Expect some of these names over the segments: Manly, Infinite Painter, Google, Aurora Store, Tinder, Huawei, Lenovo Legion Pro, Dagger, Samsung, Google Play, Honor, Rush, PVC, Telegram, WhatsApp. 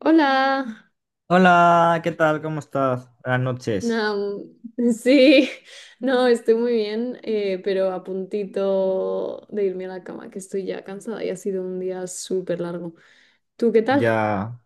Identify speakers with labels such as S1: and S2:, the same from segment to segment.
S1: Hola,
S2: Hola, ¿qué tal? ¿Cómo estás? Buenas noches.
S1: no, sí, no, estoy muy bien, pero a puntito de irme a la cama, que estoy ya cansada y ha sido un día súper largo. ¿Tú qué tal?
S2: Ya.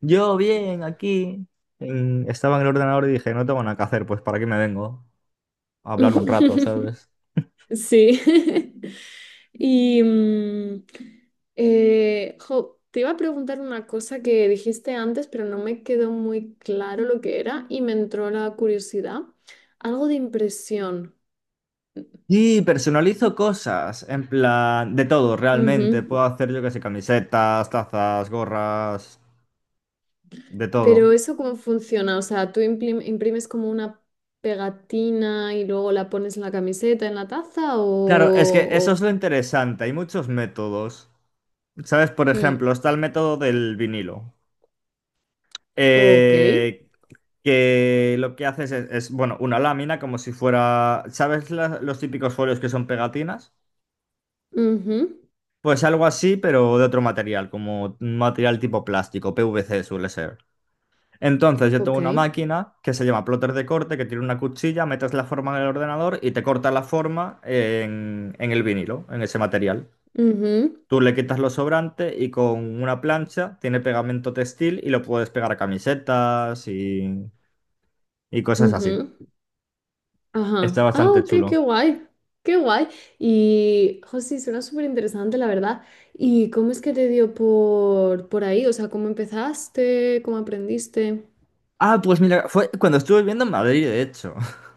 S2: Yo bien, aquí. Estaba en el ordenador y dije, no tengo nada que hacer, pues ¿para qué me vengo? A hablar un rato, ¿sabes?
S1: Sí. Y, jo, te iba a preguntar una cosa que dijiste antes, pero no me quedó muy claro lo que era y me entró la curiosidad. Algo de impresión.
S2: Y personalizo cosas, en plan, de todo, realmente.
S1: Ujú.
S2: Puedo hacer, yo que sé, camisetas, tazas, gorras, de
S1: Pero
S2: todo.
S1: eso cómo funciona, o sea, tú imprimes como una pegatina y luego la pones en la camiseta, en la taza
S2: Claro,
S1: o...
S2: es que eso es
S1: o-
S2: lo interesante, hay muchos métodos. ¿Sabes? Por
S1: mm,
S2: ejemplo, está el método del vinilo.
S1: ok.
S2: Eh, que lo que haces es, bueno, una lámina como si fuera, ¿sabes los típicos folios que son pegatinas?
S1: Ujú,
S2: Pues algo así, pero de otro material, como un material tipo plástico, PVC suele ser. Entonces yo tengo
S1: ok.
S2: una máquina que se llama plotter de corte, que tiene una cuchilla, metes la forma en el ordenador y te corta la forma en el vinilo, en ese material.
S1: Ujú,
S2: Tú le quitas lo sobrante y con una plancha tiene pegamento textil y lo puedes pegar a camisetas y cosas así.
S1: ujú.
S2: Está
S1: Ajá. Ah,
S2: bastante
S1: ok, qué
S2: chulo.
S1: guay. Qué guay. Y, José, suena súper interesante, la verdad. ¿Y cómo es que te dio por ahí? O sea, ¿cómo empezaste? ¿Cómo aprendiste?
S2: Ah, pues mira, fue cuando estuve viviendo en Madrid, de hecho.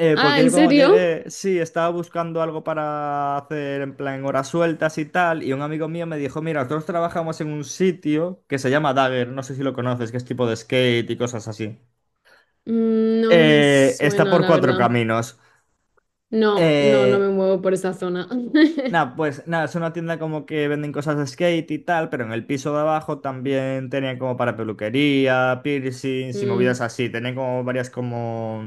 S1: Ah,
S2: Porque
S1: ¿en
S2: yo cuando
S1: serio?
S2: llegué, sí, estaba buscando algo para hacer en plan horas sueltas y tal, y un amigo mío me dijo, mira, nosotros trabajamos en un sitio que se llama Dagger, no sé si lo conoces, que es tipo de skate y cosas así.
S1: No me
S2: Está
S1: suena,
S2: por
S1: la
S2: cuatro
S1: verdad.
S2: caminos.
S1: No, no, no me
S2: Eh,
S1: muevo por esa zona.
S2: Nada, pues nada, es una tienda como que venden cosas de skate y tal, pero en el piso de abajo también tenían como para peluquería, piercings y movidas
S1: Mm,
S2: así. Tenían como varias como,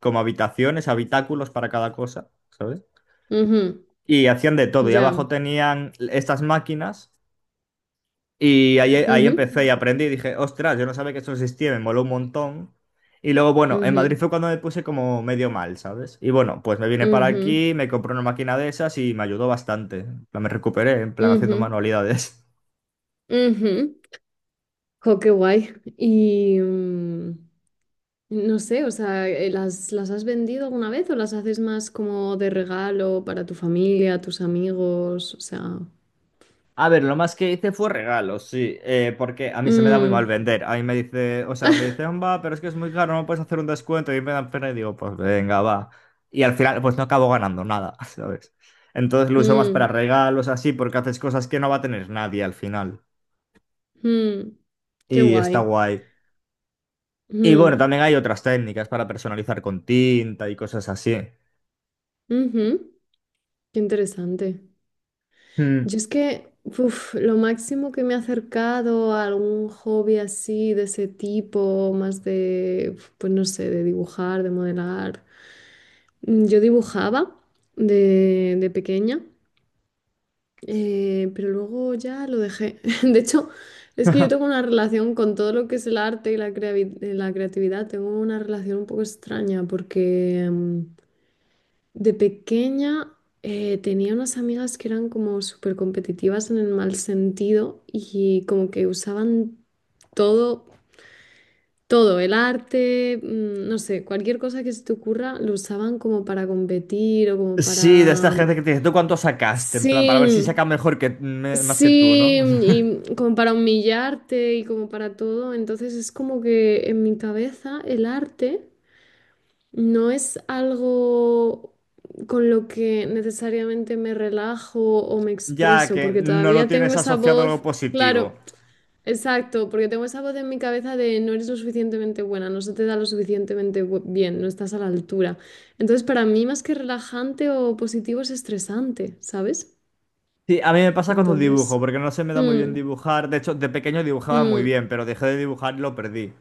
S2: como habitaciones, habitáculos para cada cosa, ¿sabes?
S1: ujú,
S2: Y hacían de todo. Y
S1: ya.
S2: abajo tenían estas máquinas y ahí
S1: Ujú,
S2: empecé y aprendí y dije, ostras, yo no sabía que eso existía, me moló un montón. Y luego, bueno, en Madrid
S1: ujú,
S2: fue cuando me puse como medio mal, ¿sabes? Y bueno, pues me vine para
S1: ujú,
S2: aquí, me compré una máquina de esas y me ayudó bastante. En plan, me recuperé, en plan, haciendo
S1: ujú,
S2: manualidades.
S1: ujú. Jo, qué guay. Y no sé, o sea, ¿las has vendido alguna vez o las haces más como de regalo para tu familia, tus amigos? O sea.
S2: A ver, lo más que hice fue regalos, sí, porque a mí se me da muy mal
S1: Mm,
S2: vender. A mí me dice, o sea, me dice, va, pero es que es muy caro, no puedes hacer un descuento. Y me dan pena y digo, pues venga, va. Y al final, pues no acabo ganando nada, ¿sabes? Entonces lo uso más para
S1: mm,
S2: regalos, así, porque haces cosas que no va a tener nadie al final.
S1: mm, qué
S2: Y está
S1: guay.
S2: guay. Y bueno,
S1: Mm,
S2: también hay otras técnicas para personalizar con tinta y cosas así.
S1: ujú, qué interesante.
S2: Mm.
S1: Yo es que uf, lo máximo que me he acercado a algún hobby así de ese tipo, más de, pues no sé, de dibujar, de modelar. Yo dibujaba de pequeña, pero luego ya lo dejé. De hecho, es que yo tengo una relación con todo lo que es el arte y la creatividad, tengo una relación un poco extraña porque... de pequeña tenía unas amigas que eran como súper competitivas en el mal sentido y como que usaban todo, todo, el arte, no sé, cualquier cosa que se te ocurra, lo usaban como para competir o como
S2: Sí, de esta
S1: para...
S2: gente que te dice, ¿tú cuánto sacaste? En plan, para ver si saca
S1: Sí,
S2: mejor que más que tú, ¿no?
S1: sí, y como para humillarte y como para todo. Entonces es como que en mi cabeza el arte... No es algo con lo que necesariamente me relajo o me
S2: Ya
S1: expreso,
S2: que
S1: porque
S2: no lo
S1: todavía tengo
S2: tienes
S1: esa
S2: asociado a algo
S1: voz, claro,
S2: positivo.
S1: exacto, porque tengo esa voz en mi cabeza de no eres lo suficientemente buena, no se te da lo suficientemente bien, no estás a la altura. Entonces, para mí, más que relajante o positivo, es estresante, ¿sabes?
S2: Sí, a mí me pasa cuando dibujo,
S1: Entonces,
S2: porque no se me da muy bien
S1: mm,
S2: dibujar. De hecho, de pequeño dibujaba muy
S1: mm,
S2: bien, pero dejé de dibujar y lo perdí.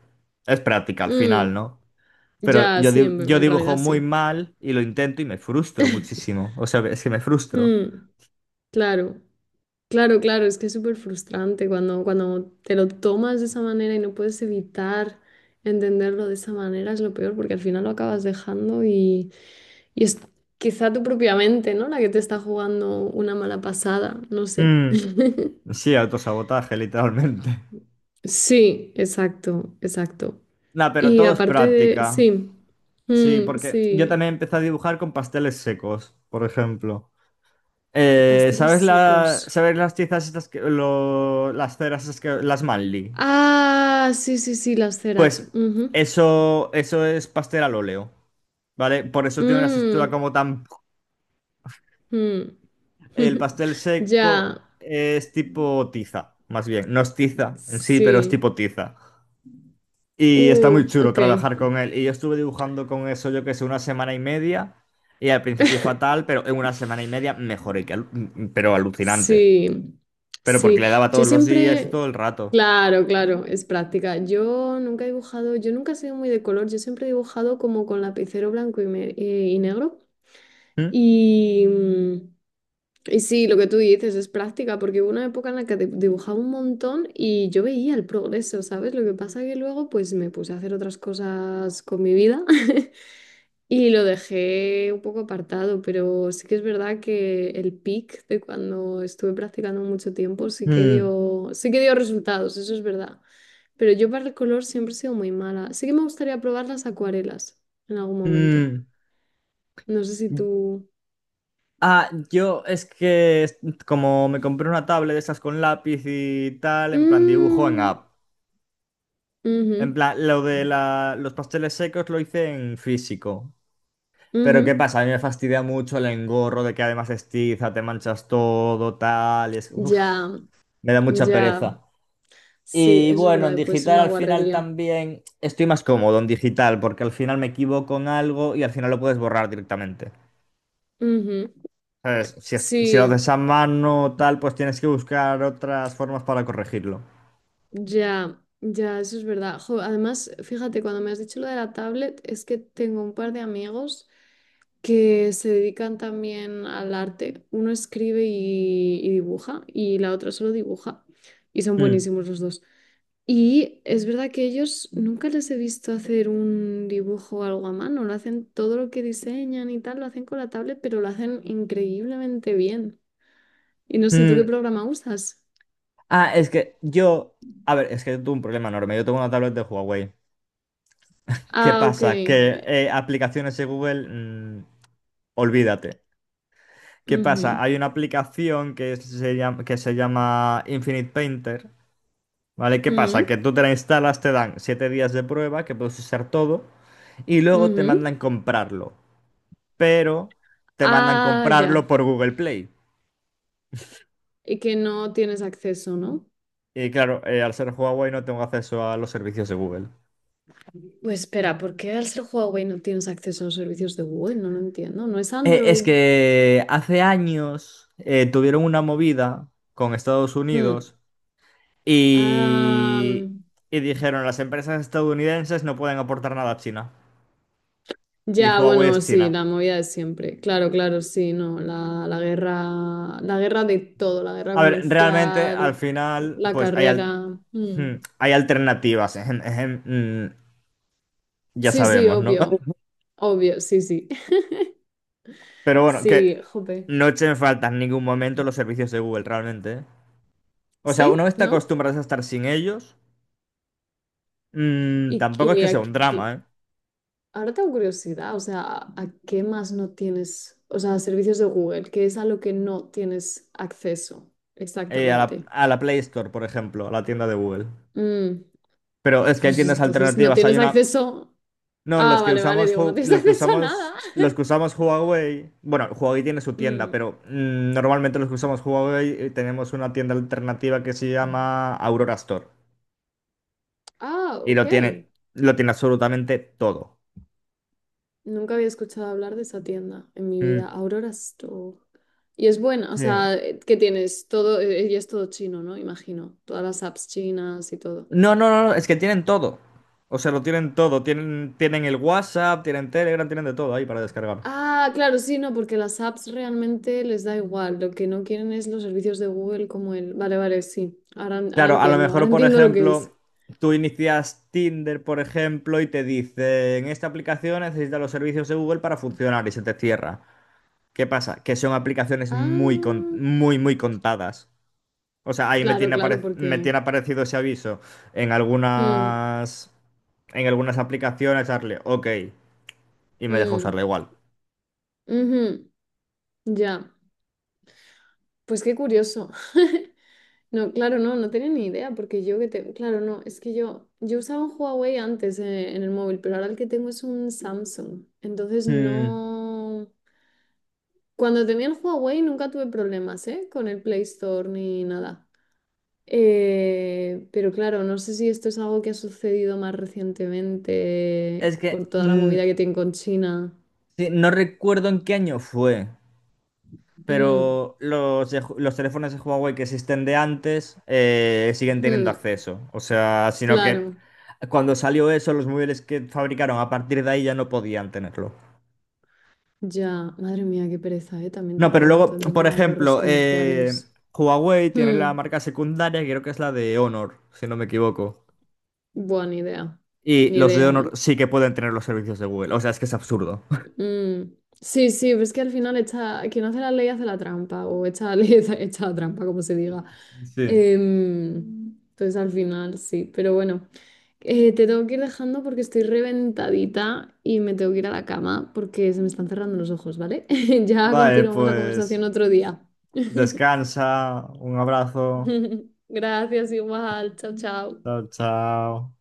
S2: Es práctica al final,
S1: mm,
S2: ¿no? Pero
S1: ya,
S2: yo,
S1: sí,
S2: di-
S1: en
S2: yo
S1: en
S2: dibujo
S1: realidad
S2: muy
S1: sí.
S2: mal y lo intento y me frustro muchísimo. O sea, es que me frustro.
S1: Mm, claro. Claro, claro, es que es súper frustrante cuando te lo tomas de esa manera y no puedes evitar entenderlo de esa manera, es lo peor, porque al final lo acabas dejando y es quizá tu propia mente, ¿no? La que te está jugando una mala pasada, no sé.
S2: Mm, Sí, autosabotaje, literalmente.
S1: Sí, exacto, exacto.
S2: Nah, pero
S1: Y
S2: todo es
S1: aparte de,
S2: práctica.
S1: sí,
S2: Sí,
S1: mm,
S2: porque yo
S1: sí,
S2: también empecé a dibujar con pasteles secos, por ejemplo.
S1: pasteles
S2: ¿Sabes
S1: secos.
S2: la, sabes las tizas estas que, las ceras esas que, las Manly?
S1: Ah, sí, sí, sí, las ceras.
S2: Pues
S1: Ujú.
S2: eso es pastel al óleo, ¿vale? Por eso tiene una textura
S1: Mm,
S2: como tan...
S1: mm.
S2: El pastel
S1: Ya,
S2: seco es tipo tiza, más bien. No es tiza en sí, pero es
S1: sí,
S2: tipo tiza. Y está muy chulo
S1: ok,
S2: trabajar con él. Y yo estuve dibujando con eso, yo que sé, una semana y media. Y al principio fatal, pero en una semana y media mejoré, que pero alucinante.
S1: sí,
S2: Pero porque
S1: sí,
S2: le daba
S1: yo
S2: todos los días y
S1: siempre,
S2: todo el rato.
S1: claro, claro, es práctica, yo nunca he dibujado, yo nunca he sido muy de color, yo siempre he dibujado como con lapicero blanco y, y negro,
S2: Mm,
S1: y, mm, y sí, lo que tú dices es práctica, porque hubo una época en la que dibujaba un montón y yo veía el progreso, ¿sabes? Lo que pasa que luego pues me puse a hacer otras cosas con mi vida. Y lo dejé un poco apartado, pero sí que es verdad que el peak de cuando estuve practicando mucho tiempo
S2: mm,
S1: sí que dio resultados, eso es verdad. Pero yo para el color siempre he sido muy mala. Sí que me gustaría probar las acuarelas en algún momento.
S2: mm.
S1: No sé si tú...
S2: Ah, yo es que como me compré una tablet de esas con lápiz y tal, en plan dibujo en
S1: Mm,
S2: app. En
S1: ujú,
S2: plan, lo de los pasteles secos lo hice en físico. Pero
S1: ujú.
S2: ¿qué pasa? A mí me fastidia mucho el engorro de que además es te manchas todo, tal, y es... uf,
S1: Ya,
S2: me da mucha
S1: ya.
S2: pereza.
S1: Sí,
S2: Y
S1: eso es
S2: bueno, en
S1: verdad, puede ser
S2: digital
S1: una
S2: al final
S1: guarrería.
S2: también estoy más cómodo en digital porque al final me equivoco en algo y al final lo puedes borrar directamente.
S1: Ujú.
S2: ¿Sabes? Si lo
S1: Sí,
S2: haces a mano tal, pues tienes que buscar otras formas para corregirlo.
S1: ya, ya, eso es verdad. Jo, además, fíjate, cuando me has dicho lo de la tablet, es que tengo un par de amigos que se dedican también al arte. Uno escribe y dibuja y la otra solo dibuja. Y son
S2: Mm,
S1: buenísimos los dos. Y es verdad que ellos nunca les he visto hacer un dibujo o algo a mano. Lo hacen todo lo que diseñan y tal, lo hacen con la tablet, pero lo hacen increíblemente bien. Y no sé, ¿tú qué
S2: mm.
S1: programa usas?
S2: Ah, es que yo... A ver, es que yo tuve un problema enorme. Yo tengo una tablet de Huawei. ¿Qué
S1: Ah, ok.
S2: pasa? Que aplicaciones de Google, olvídate. ¿Qué
S1: Ujú.
S2: pasa? Hay una aplicación que se llama Infinite Painter, ¿vale? ¿Qué
S1: Mm.
S2: pasa? Que tú te la instalas, te dan 7 días de prueba, que puedes usar todo, y luego te
S1: Ujú.
S2: mandan comprarlo. Pero te mandan
S1: Ah, ya.
S2: comprarlo por Google Play.
S1: Y que no tienes acceso, ¿no?
S2: Y claro, al ser Huawei no tengo acceso a los servicios de Google.
S1: Pues espera, ¿por qué al ser Huawei no tienes acceso a los servicios de Google? No lo entiendo. ¿No es
S2: Es
S1: Android?
S2: que hace años tuvieron una movida con Estados
S1: Hmm.
S2: Unidos
S1: Ah,
S2: y, y dijeron las empresas estadounidenses no pueden aportar nada a China. Y
S1: ya,
S2: Huawei es
S1: bueno, sí,
S2: China.
S1: la movida de siempre. Claro, claro, sí, no. La, la guerra de todo, la guerra
S2: A ver, realmente al
S1: comercial,
S2: final,
S1: la
S2: pues hay, al-
S1: carrera.
S2: hmm,
S1: Hmm.
S2: hay alternativas. Ejem, ejem, mm, ya
S1: Sí, sí,
S2: sabemos, ¿no?
S1: obvio. Obvio, sí, sí.
S2: Pero bueno,
S1: Sí,
S2: que
S1: jope.
S2: no echen falta en ningún momento los servicios de Google, realmente. ¿Eh? O sea, una
S1: ¿Sí?
S2: vez te
S1: ¿No?
S2: acostumbras a estar sin ellos. Mm,
S1: ¿Y
S2: tampoco es que sea un
S1: qué?
S2: drama, ¿eh?
S1: Ahora tengo curiosidad, o sea, ¿a qué más no tienes? O sea, servicios de Google, ¿qué es a lo que no tienes acceso
S2: A la,
S1: exactamente?
S2: a la Play Store, por ejemplo, a la tienda de Google.
S1: Mm,
S2: Pero es que hay
S1: pues
S2: tiendas
S1: entonces no
S2: alternativas. Hay
S1: tienes
S2: una.
S1: acceso.
S2: No,
S1: Ah,
S2: los que
S1: vale, vale,
S2: usamos,
S1: digo, no
S2: Hu-
S1: tienes acceso a nada.
S2: los que usamos Huawei. Bueno, Huawei tiene su tienda,
S1: Mm,
S2: pero normalmente los que usamos Huawei tenemos una tienda alternativa que se llama Aurora Store.
S1: ah,
S2: Y lo
S1: ok.
S2: tiene, lo tiene absolutamente todo.
S1: Nunca había escuchado hablar de esa tienda en mi
S2: Mm,
S1: vida, Aurora Store. Y es buena, o
S2: sí.
S1: sea, ¿qué tienes? Todo, y es todo chino, ¿no? Imagino, todas las apps chinas y todo.
S2: No, no, no, no, es que tienen todo. O sea, lo tienen todo. Tienen el WhatsApp, tienen Telegram, tienen de todo ahí para descargar.
S1: Ah, claro, sí, no, porque las apps realmente les da igual. Lo que no quieren es los servicios de Google como el. Vale, vale, sí. Ahora, ahora
S2: Claro, a lo
S1: entiendo, ahora
S2: mejor, por
S1: entiendo lo que es.
S2: ejemplo, tú inicias Tinder, por ejemplo, y te dicen, esta aplicación necesita los servicios de Google para funcionar y se te cierra. ¿Qué pasa? Que son aplicaciones
S1: Ah,
S2: muy, muy contadas. O sea, ahí me
S1: claro,
S2: tiene,
S1: claro,
S2: apare- me
S1: porque.
S2: tiene aparecido ese aviso en
S1: Mm,
S2: algunas, en algunas aplicaciones, darle OK, y me deja usarla
S1: mm,
S2: igual.
S1: ujú, ya. Pues qué curioso. No, claro, no, no tenía ni idea, porque yo que te. Claro, no, es que yo, usaba un Huawei antes en el móvil, pero ahora el que tengo es un Samsung. Entonces
S2: Mm,
S1: no. Cuando tenía el Huawei nunca tuve problemas, ¿eh? Con el Play Store ni nada. Pero claro, no sé si esto es algo que ha sucedido más recientemente
S2: Es que
S1: por toda la movida que tiene con China.
S2: sí, no recuerdo en qué año fue.
S1: Mm,
S2: Pero los teléfonos de Huawei que existen de antes siguen teniendo
S1: mm,
S2: acceso. O sea, sino que
S1: claro,
S2: cuando salió eso, los móviles que fabricaron a partir de ahí ya no podían tenerlo.
S1: ya. Madre mía, qué pereza, también
S2: No,
S1: te
S2: pero
S1: digo, todo
S2: luego,
S1: el tema
S2: por
S1: de las guerras
S2: ejemplo,
S1: comerciales.
S2: Huawei tiene la
S1: Mm,
S2: marca secundaria, que creo que es la de Honor, si no me equivoco.
S1: buena idea.
S2: Y
S1: Ni
S2: los de
S1: idea, ¿eh?
S2: Honor sí que pueden tener los servicios de Google. O sea, es que es absurdo.
S1: Mm, sí, sí, pero es que al final echa, quien hace la ley hace la trampa, o echa la ley, echa, echa la trampa, como se diga.
S2: Sí.
S1: Em, entonces al final sí, pero bueno, te tengo que ir dejando porque estoy reventadita y me tengo que ir a la cama porque se me están cerrando los ojos, ¿vale? Ya
S2: Vale,
S1: continuamos la
S2: pues
S1: conversación otro día.
S2: descansa. Un abrazo.
S1: Gracias, igual, chao, chao.
S2: Chao, chao.